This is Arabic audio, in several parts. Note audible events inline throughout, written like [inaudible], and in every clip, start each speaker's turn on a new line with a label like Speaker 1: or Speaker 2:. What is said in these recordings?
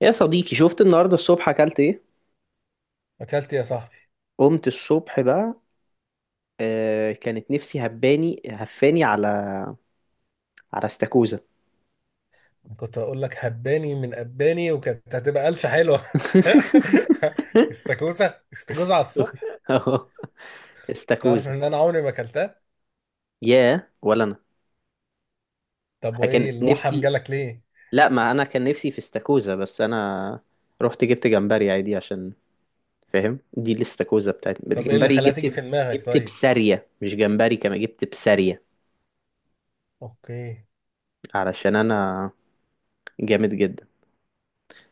Speaker 1: يا صديقي، شفت النهارده الصبح اكلت ايه؟
Speaker 2: اكلت يا صاحبي.
Speaker 1: قمت الصبح بقى. كانت نفسي هباني هفاني على استاكوزا.
Speaker 2: كنت هقول لك هباني من اباني، وكانت هتبقى قلشه حلوه. [laughs]
Speaker 1: [laughs]
Speaker 2: استاكوزا استاكوزا على
Speaker 1: استاكوزا
Speaker 2: الصبح!
Speaker 1: أهو،
Speaker 2: تعرف
Speaker 1: استاكوزا.
Speaker 2: ان انا عمري ما اكلتها؟
Speaker 1: يا ولا انا.
Speaker 2: طب
Speaker 1: كان
Speaker 2: وايه الوحم
Speaker 1: نفسي.
Speaker 2: جالك ليه؟
Speaker 1: لا، ما انا كان نفسي في استاكوزا، بس انا رحت جبت جمبري عادي عشان... فاهم، دي الاستاكوزا بتاعتي
Speaker 2: طب ايه اللي
Speaker 1: جمبري.
Speaker 2: خلاها تيجي
Speaker 1: جبت
Speaker 2: في دماغك؟
Speaker 1: جبت
Speaker 2: طيب.
Speaker 1: بسارية، مش جمبري، كمان جبت بسارية.
Speaker 2: اوكي.
Speaker 1: علشان انا جامد جدا.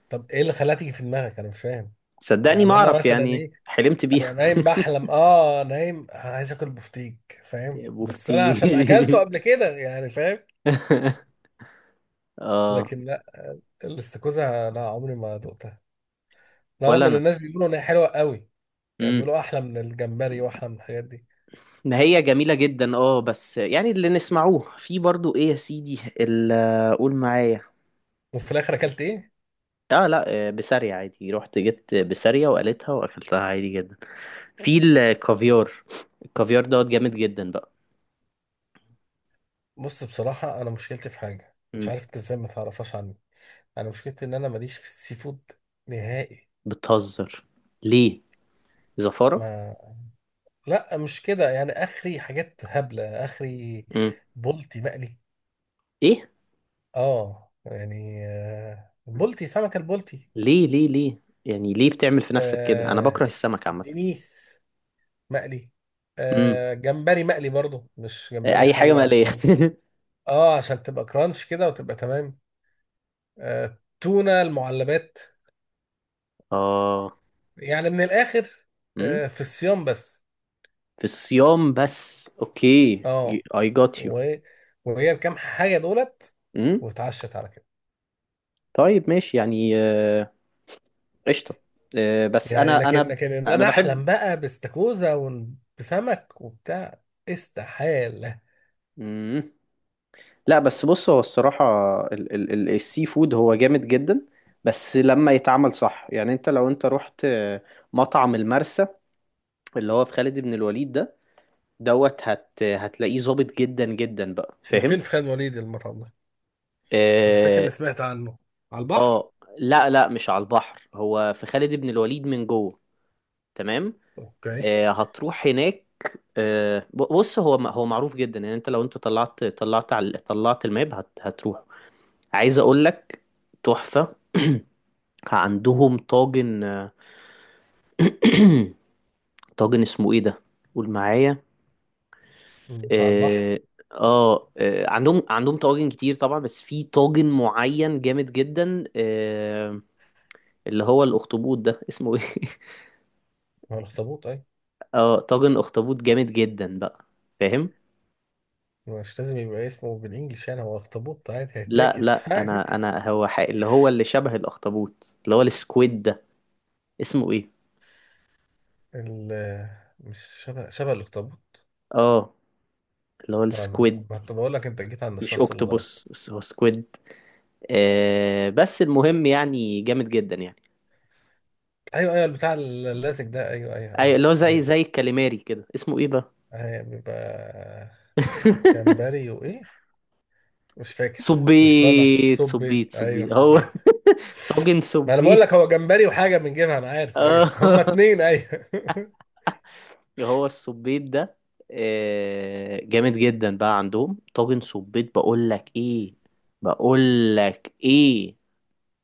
Speaker 2: طب ايه اللي خلاها تيجي في دماغك؟ انا مش فاهم.
Speaker 1: صدقني، ما
Speaker 2: يعني انا
Speaker 1: اعرف
Speaker 2: مثلا
Speaker 1: يعني،
Speaker 2: ايه؟
Speaker 1: حلمت بيها.
Speaker 2: انا نايم
Speaker 1: [laughs]
Speaker 2: بحلم، اه، نايم، أنا عايز اكل بفتيك، فاهم؟
Speaker 1: يا
Speaker 2: بس انا عشان اكلته قبل
Speaker 1: بوفتيك.
Speaker 2: كده، يعني، فاهم.
Speaker 1: [laughs] اه.
Speaker 2: لكن لا. الاستاكوزا لا، عمري ما دقتها. رغم
Speaker 1: ولا
Speaker 2: ان
Speaker 1: انا.
Speaker 2: الناس بيقولوا ان هي حلوه قوي. يعني
Speaker 1: امم.
Speaker 2: بيقولوا احلى من الجمبري واحلى من الحاجات دي.
Speaker 1: ما هي جميلة جدا، اه، بس يعني اللي نسمعوه في برضو ايه يا سيدي اللي... قول معايا.
Speaker 2: وفي الاخر اكلت ايه؟
Speaker 1: اه، لا، بسارية عادي، رحت جبت بسارية وقالتها واكلتها عادي جدا. في الكافيار. الكافيار دوت جامد جدا بقى.
Speaker 2: بص، بصراحه، انا مشكلتي في حاجه، مش
Speaker 1: امم.
Speaker 2: عارف انت ازاي ما تعرفهاش عني. انا مشكلتي ان انا ماليش في السي فود. نهائي.
Speaker 1: بتهزر؟ ليه؟ زفارة؟
Speaker 2: ما لا، مش كده، يعني اخري حاجات هبله اخري.
Speaker 1: امم.
Speaker 2: بولتي مقلي.
Speaker 1: ايه؟
Speaker 2: اه، يعني بولتي، سمكه البولتي.
Speaker 1: ليه، ليه، ليه، يعني ليه بتعمل في نفسك كده؟ انا بكره
Speaker 2: آه
Speaker 1: السمك عامة.
Speaker 2: دنيس مقلي.
Speaker 1: امم.
Speaker 2: جمبري مقلي برضو، مش جمبري
Speaker 1: اي حاجة
Speaker 2: حله
Speaker 1: مقلية.
Speaker 2: وكده. اه، عشان تبقى كرانش كده وتبقى تمام. تونة المعلبات.
Speaker 1: [laughs] اه.
Speaker 2: يعني من الآخر.
Speaker 1: امم.
Speaker 2: في الصيام بس.
Speaker 1: في الصيام بس. اوكي.
Speaker 2: اه.
Speaker 1: I got you.
Speaker 2: و- وهي الكام حاجة دولت،
Speaker 1: امم.
Speaker 2: واتعشت على كده.
Speaker 1: طيب، ماشي يعني، قشطة. بس
Speaker 2: يعني،
Speaker 1: انا
Speaker 2: لكن
Speaker 1: انا
Speaker 2: لكن ان
Speaker 1: انا
Speaker 2: انا
Speaker 1: بحب...
Speaker 2: احلم بقى باستاكوزا وبسمك وبتاع. استحالة.
Speaker 1: مم. لا بس بص، هو الصراحة السي فود هو جامد جدا. بس لما يتعمل صح، يعني انت لو انت رحت مطعم المرسى اللي هو في خالد بن الوليد ده. دوت، هتلاقيه ظابط جدا جدا بقى،
Speaker 2: ده
Speaker 1: فاهم؟
Speaker 2: فين، في خان وليد المطعم ده؟ انا فاكر
Speaker 1: اه.
Speaker 2: اني سمعت عنه. على البحر.
Speaker 1: لا، لا، مش على البحر، هو في خالد بن الوليد من جوه. تمام.
Speaker 2: اوكي.
Speaker 1: هتروح هناك. بص هو معروف جدا، يعني انت لو انت طلعت على طلعت الماب هتروح. عايز اقول لك، تحفة. عندهم طاجن [clears throat] طاجن اسمه ايه ده؟ قول معايا.
Speaker 2: بتاع البحر.
Speaker 1: اه. عندهم طواجن كتير طبعا، بس في طاجن معين جامد جدا اللي هو الاخطبوط ده، اسمه ايه؟ [laughs]
Speaker 2: ما هو الاخطبوط اي؟
Speaker 1: اه، طاجن اخطبوط جامد جدا بقى. فاهم؟
Speaker 2: مش لازم يبقى اسمه بالانجلش، يعني هو اخطبوط عادي
Speaker 1: لا،
Speaker 2: هيتاكل
Speaker 1: لا،
Speaker 2: [laughs] عادي.
Speaker 1: انا هو حق اللي هو اللي شبه الاخطبوط اللي هو السكويد ده، اسمه ايه؟
Speaker 2: ال- مش شبه الاخطبوط.
Speaker 1: اه، اللي هو
Speaker 2: فاهم؟
Speaker 1: السكويد.
Speaker 2: ما كنت بقول لك انت جيت عند
Speaker 1: مش
Speaker 2: الشخص الغلط.
Speaker 1: اوكتوبوس، بس هو سكويد. آه، بس المهم يعني جامد جدا يعني.
Speaker 2: ايوه، ايوه، البتاع اللاسك ده، ايوه، ايوه،
Speaker 1: اي
Speaker 2: ايوه.
Speaker 1: اللي هو زي
Speaker 2: ايوه،
Speaker 1: زي الكاليماري كده، اسمه ايه بقى؟
Speaker 2: ايوه، بيبقى
Speaker 1: [laughs]
Speaker 2: جمبري وايه؟ مش فاكر. بس انا
Speaker 1: صبيت، صبيت،
Speaker 2: صبيت، ايوه،
Speaker 1: صبيت هو... [laughs]
Speaker 2: صبيت.
Speaker 1: طاجن
Speaker 2: ما انا بقول لك
Speaker 1: صبيت.
Speaker 2: هو جمبري وحاجه بنجيبها، انا عارف، ايوه، [laughs] هما
Speaker 1: اه.
Speaker 2: اتنين، ايوه. [laughs]
Speaker 1: هو الصبيت ده جامد جدا بقى. عندهم طاجن صبيت، بقول لك ايه، بقول لك ايه،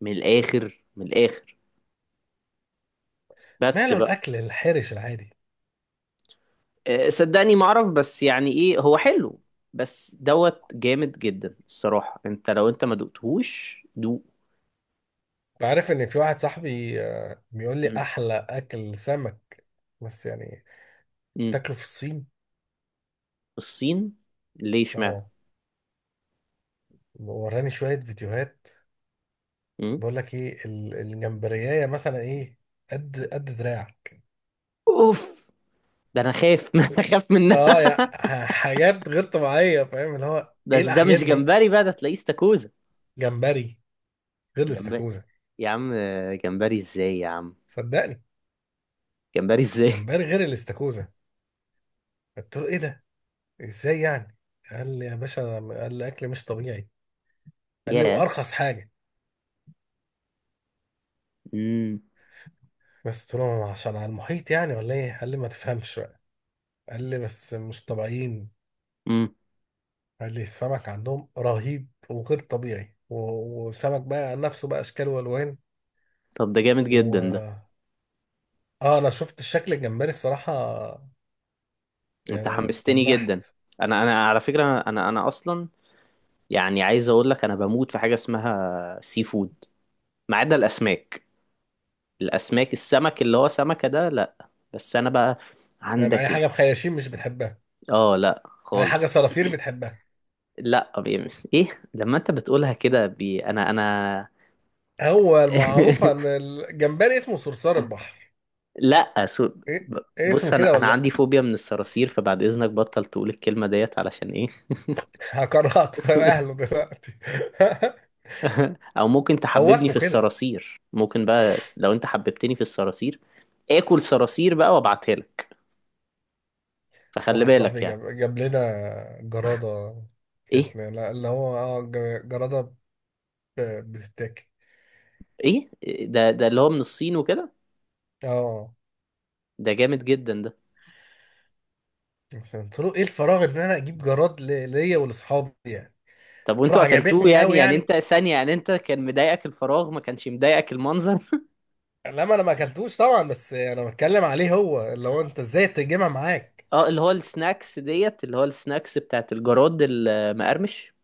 Speaker 1: من الاخر، من الاخر. بس
Speaker 2: ماله
Speaker 1: بقى.
Speaker 2: الاكل الحرش العادي؟
Speaker 1: صدقني ما اعرف، بس يعني ايه، هو حلو. بس دوت جامد جدا الصراحة، انت لو انت ما دقتهوش دوق.
Speaker 2: بعرف ان في واحد صاحبي بيقول لي
Speaker 1: مم.
Speaker 2: احلى اكل سمك. بس يعني
Speaker 1: مم.
Speaker 2: تاكله في الصين.
Speaker 1: الصين؟ ليه؟ اشمعنى؟
Speaker 2: اه، وراني شويه فيديوهات.
Speaker 1: مم.
Speaker 2: بقول لك ايه، الجمبريايه مثلا ايه؟ قد دراع.
Speaker 1: اوف. ده انا خايف [laughs] ما انا خايف منها.
Speaker 2: اه يا، حاجات غير طبيعيه، فاهم؟ اللي هو ايه،
Speaker 1: بس ده مش
Speaker 2: الاحيان دي.
Speaker 1: جمبري بقى، ده تلاقيه استاكوزا.
Speaker 2: جمبري غير
Speaker 1: جمبري.
Speaker 2: الاستاكوزا.
Speaker 1: يا عم جمبري ازاي يا عم؟
Speaker 2: صدقني،
Speaker 1: جمبري ازاي؟
Speaker 2: جمبري
Speaker 1: [laughs]
Speaker 2: غير الاستاكوزا. قلت له ايه ده؟ ازاي يعني؟ قال لي يا باشا، قال لي اكل مش طبيعي. قال لي
Speaker 1: ياه.
Speaker 2: وارخص حاجه.
Speaker 1: امم.
Speaker 2: بس قلت له عشان على المحيط يعني، ولا ايه؟ قال لي ما تفهمش بقى. قال لي بس مش طبيعيين.
Speaker 1: امم.
Speaker 2: قال لي السمك عندهم رهيب وغير طبيعي، و- وسمك بقى عن نفسه بقى اشكال
Speaker 1: طب ده جامد جدا ده.
Speaker 2: والوان. اه، انا شفت الشكل الجمبري الصراحه.
Speaker 1: انت
Speaker 2: يعني انا
Speaker 1: حمستني جدا.
Speaker 2: اتنحت.
Speaker 1: انا على فكرة، انا اصلا... يعني عايز اقول لك، انا بموت في حاجه اسمها سي فود، ما عدا الاسماك. السمك اللي هو سمكه ده، لا. بس انا بقى.
Speaker 2: يعني اي
Speaker 1: عندك
Speaker 2: حاجه
Speaker 1: ايه؟
Speaker 2: بخياشيم مش بتحبها؟
Speaker 1: اه، لا
Speaker 2: اي حاجه
Speaker 1: خالص.
Speaker 2: صراصير بتحبها؟
Speaker 1: لا، [laughs] ايه؟ لما انت بتقولها كده بي... انا
Speaker 2: هو المعروف ان
Speaker 1: [laughs]
Speaker 2: الجمبري اسمه صرصار البحر.
Speaker 1: لا،
Speaker 2: ايه؟
Speaker 1: ب-
Speaker 2: ايه،
Speaker 1: بص،
Speaker 2: اسمه
Speaker 1: انا
Speaker 2: كده ولا
Speaker 1: انا عندي
Speaker 2: لا؟
Speaker 1: فوبيا من الصراصير، فبعد اذنك بطل تقول الكلمه ديت، علشان ايه؟
Speaker 2: [laughs] هكرهك في اهله دلوقتي.
Speaker 1: [laughs] او ممكن
Speaker 2: [laughs] هو
Speaker 1: تحببني
Speaker 2: اسمه
Speaker 1: في
Speaker 2: كده؟
Speaker 1: الصراصير، ممكن، بقى لو انت حببتني في الصراصير اكل صراصير بقى وابعتها لك، فخلي
Speaker 2: واحد
Speaker 1: بالك
Speaker 2: صاحبي
Speaker 1: يعني.
Speaker 2: جاب لنا جراده. كانت،
Speaker 1: ايه؟
Speaker 2: لا، اللي هو جراده. بتتاكل.
Speaker 1: ايه ده اللي هو من الصين وكده.
Speaker 2: اه،
Speaker 1: ده جامد جدا ده.
Speaker 2: بس قلت له ايه الفراغ ان انا اجيب جراد ليا ولاصحابي، يعني.
Speaker 1: طب
Speaker 2: قلت له
Speaker 1: وانتوا اكلتوه
Speaker 2: عجبتني
Speaker 1: يعني
Speaker 2: قوي،
Speaker 1: يعني
Speaker 2: يعني.
Speaker 1: انت ثانية يعني انت، كان مضايقك الفراغ، ما كانش مضايقك المنظر؟
Speaker 2: لا، ما انا ما اكلتوش طبعا، بس انا بتكلم عليه، هو اللي هو انت ازاي تجيبها معاك؟
Speaker 1: [laughs] اه، اللي هو السناكس ديت، اللي هو السناكس بتاعت الجراد المقرمش.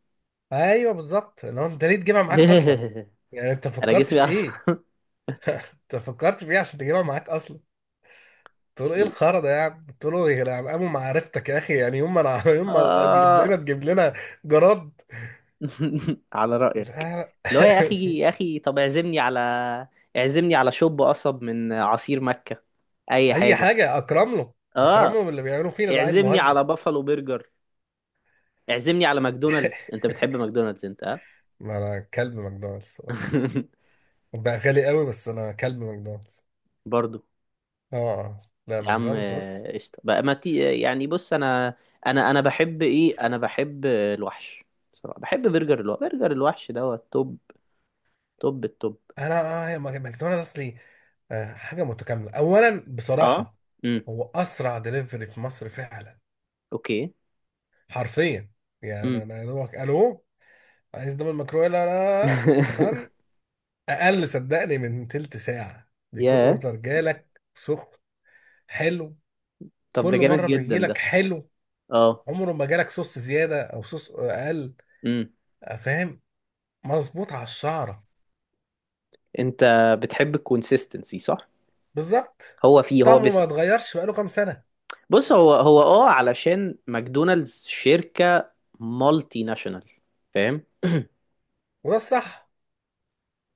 Speaker 2: ايوه بالظبط، اللي هو انت ليه تجيبها معاك اصلا؟
Speaker 1: [laughs]
Speaker 2: يعني انت
Speaker 1: انا
Speaker 2: فكرت
Speaker 1: جسمي...
Speaker 2: في
Speaker 1: [laughs]
Speaker 2: ايه؟ انت فكرت في ايه عشان تجيبها معاك اصلا؟ قلت له ايه الخرا ده يا عم، قلت له يا عم قاموا معرفتك يا اخي، يعني يوم ما انا [laughs] يوم ما تجيب لنا
Speaker 1: آه.
Speaker 2: تجيب لنا جراد.
Speaker 1: [laughs] على رأيك.
Speaker 2: لا.
Speaker 1: اللي هو يا أخي، يا أخي، طب اعزمني على... اعزمني على شوب قصب من عصير مكة،
Speaker 2: [laughs]
Speaker 1: أي
Speaker 2: اي
Speaker 1: حاجة.
Speaker 2: حاجه اكرم له. اكرم
Speaker 1: آه.
Speaker 2: له باللي بيعملوا فينا، ده عيل
Speaker 1: اعزمني
Speaker 2: مهزأ.
Speaker 1: على بافالو برجر. اعزمني على ماكدونالدز،
Speaker 2: [laughs]
Speaker 1: انت بتحب ماكدونالدز انت، ها؟
Speaker 2: ما انا كلب ماكدونالدز الصراحه.
Speaker 1: [laughs]
Speaker 2: بقى غالي قوي، بس انا كلب ماكدونالدز.
Speaker 1: برضو.
Speaker 2: اه. آه. لا،
Speaker 1: يا عم،
Speaker 2: ماكدونالدز، بص.
Speaker 1: قشطة بقى، ما تي يعني بص، انا... انا بحب ايه، انا بحب الوحش. بصراحة بحب برجر الوحش، برجر الوحش دوت توب، توب التوب.
Speaker 2: انا هي ماكدونالدز اصلي. حاجه متكامله اولا
Speaker 1: اه.
Speaker 2: بصراحه.
Speaker 1: امم.
Speaker 2: هو اسرع دليفري في مصر فعلا.
Speaker 1: اوكي.
Speaker 2: حرفيا. يعني
Speaker 1: امم.
Speaker 2: انا يا دوبك الو، عايز دبل مكرويلا، لا لا لا، طن،
Speaker 1: [laughs]
Speaker 2: اقل صدقني من تلت ساعه بيكون
Speaker 1: ياه.
Speaker 2: اوردر جالك سخن. حلو.
Speaker 1: طب ده
Speaker 2: كل
Speaker 1: جامد
Speaker 2: مره
Speaker 1: جدا
Speaker 2: بيجيلك
Speaker 1: ده.
Speaker 2: حلو.
Speaker 1: اه.
Speaker 2: عمره ما جالك صوص زياده او صوص اقل.
Speaker 1: امم.
Speaker 2: فاهم. مظبوط على الشعره.
Speaker 1: انت بتحب الكونسيستنسي، صح؟
Speaker 2: بالظبط.
Speaker 1: هو فيه، هو
Speaker 2: طعمه
Speaker 1: بس...
Speaker 2: ما اتغيرش بقاله كام سنه.
Speaker 1: بص هو علشان ماكدونالدز شركة مالتي ناشونال، فاهم؟
Speaker 2: وده الصح.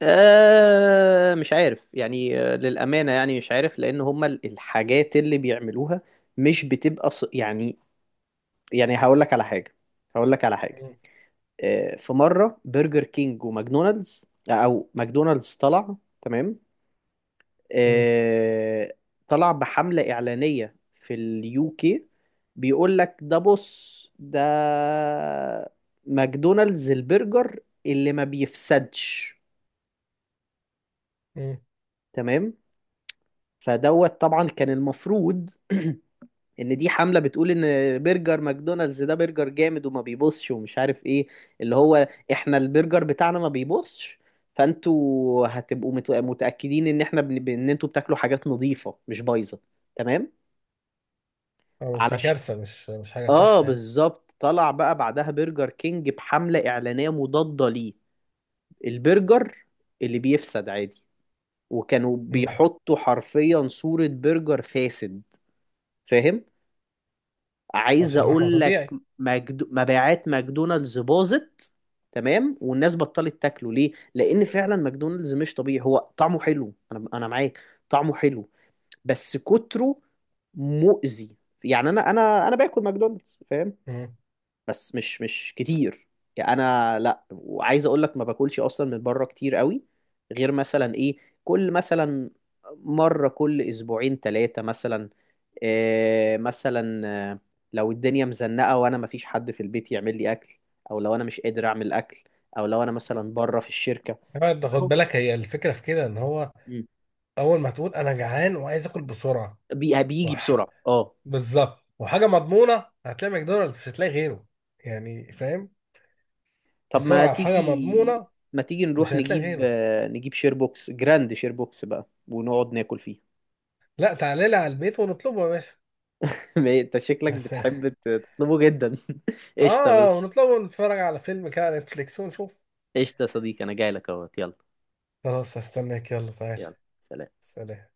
Speaker 1: مش عارف يعني، للأمانة يعني مش عارف، لأن هما الحاجات اللي بيعملوها مش بتبقى يعني... يعني هقول لك على حاجة، هقول لك على حاجة. آه، في مرة برجر كينج وماكدونالدز، أو ماكدونالدز، طلع. تمام.
Speaker 2: مم.
Speaker 1: آه، طلع بحملة إعلانية في اليو كي. بيقول لك ده، بص، ده ماكدونالدز البرجر اللي ما بيفسدش.
Speaker 2: مم.
Speaker 1: تمام. فدوت طبعا كان المفروض [clears throat] ان دي حمله بتقول ان برجر ماكدونالدز ده برجر جامد وما بيبصش، ومش عارف ايه، اللي هو احنا البرجر بتاعنا ما بيبصش، فانتوا هتبقوا متاكدين ان احنا ان انتوا بتاكلوا حاجات نظيفه، مش بايظه. تمام.
Speaker 2: اه، بس دي
Speaker 1: علش
Speaker 2: كارثة، مش حاجة
Speaker 1: اه،
Speaker 2: صح يعني.
Speaker 1: بالظبط. طلع بقى بعدها برجر كينج بحمله اعلانيه مضاده ليه، البرجر اللي بيفسد عادي، وكانوا
Speaker 2: مم.
Speaker 1: بيحطوا حرفيا صوره برجر فاسد. فاهم؟ عايز
Speaker 2: عشان اللحمة
Speaker 1: اقول لك،
Speaker 2: طبيعي.
Speaker 1: مبيعات ماكدونالدز باظت. تمام. والناس بطلت تاكله ليه؟ لان فعلا ماكدونالدز مش طبيعي. هو طعمه حلو، انا معاك. طعمه حلو، بس كتره مؤذي. يعني انا باكل ماكدونالدز، فاهم؟
Speaker 2: مم.
Speaker 1: بس مش كتير. يعني انا لا، وعايز اقول لك ما باكلش اصلا من بره كتير قوي. غير مثلا ايه، كل مثلا مرة كل اسبوعين ثلاثة مثلا. إيه مثلا؟ آه، لو الدنيا مزنقة وانا مفيش حد في البيت يعمل لي اكل، او لو انا مش قادر اعمل اكل، او لو انا مثلا بره في الشركة.
Speaker 2: انت
Speaker 1: كده
Speaker 2: خد
Speaker 1: اهو.
Speaker 2: بالك، هي الفكرة في كده ان هو،
Speaker 1: مم.
Speaker 2: اول ما تقول انا جعان وعايز اكل بسرعة.
Speaker 1: بيجي
Speaker 2: وح...
Speaker 1: بسرعة، اه.
Speaker 2: بالظبط، وحاجة مضمونة هتلاقي ماكدونالدز، مش هتلاقي غيره. يعني فاهم؟
Speaker 1: طب ما
Speaker 2: بسرعة وحاجة
Speaker 1: تيجي،
Speaker 2: مضمونة.
Speaker 1: ما تيجي
Speaker 2: مش
Speaker 1: نروح
Speaker 2: هتلاقي غيره.
Speaker 1: نجيب شير بوكس، جراند شير بوكس بقى، ونقعد ناكل فيه.
Speaker 2: لا، تعالى لي على البيت ونطلبه يا باشا.
Speaker 1: [laughs] انت شكلك
Speaker 2: [laughs]
Speaker 1: بتحب تطلبه جدا. [laughs] قشطة،
Speaker 2: اه،
Speaker 1: ماشي.
Speaker 2: ونطلبه ونتفرج على فيلم كده على نتفليكس ونشوف.
Speaker 1: قشطة يا صديقي، انا جاي لك اهو، يلا.
Speaker 2: خلاص هستناك، يلا تعالى.
Speaker 1: يلا، سلام.
Speaker 2: سلام.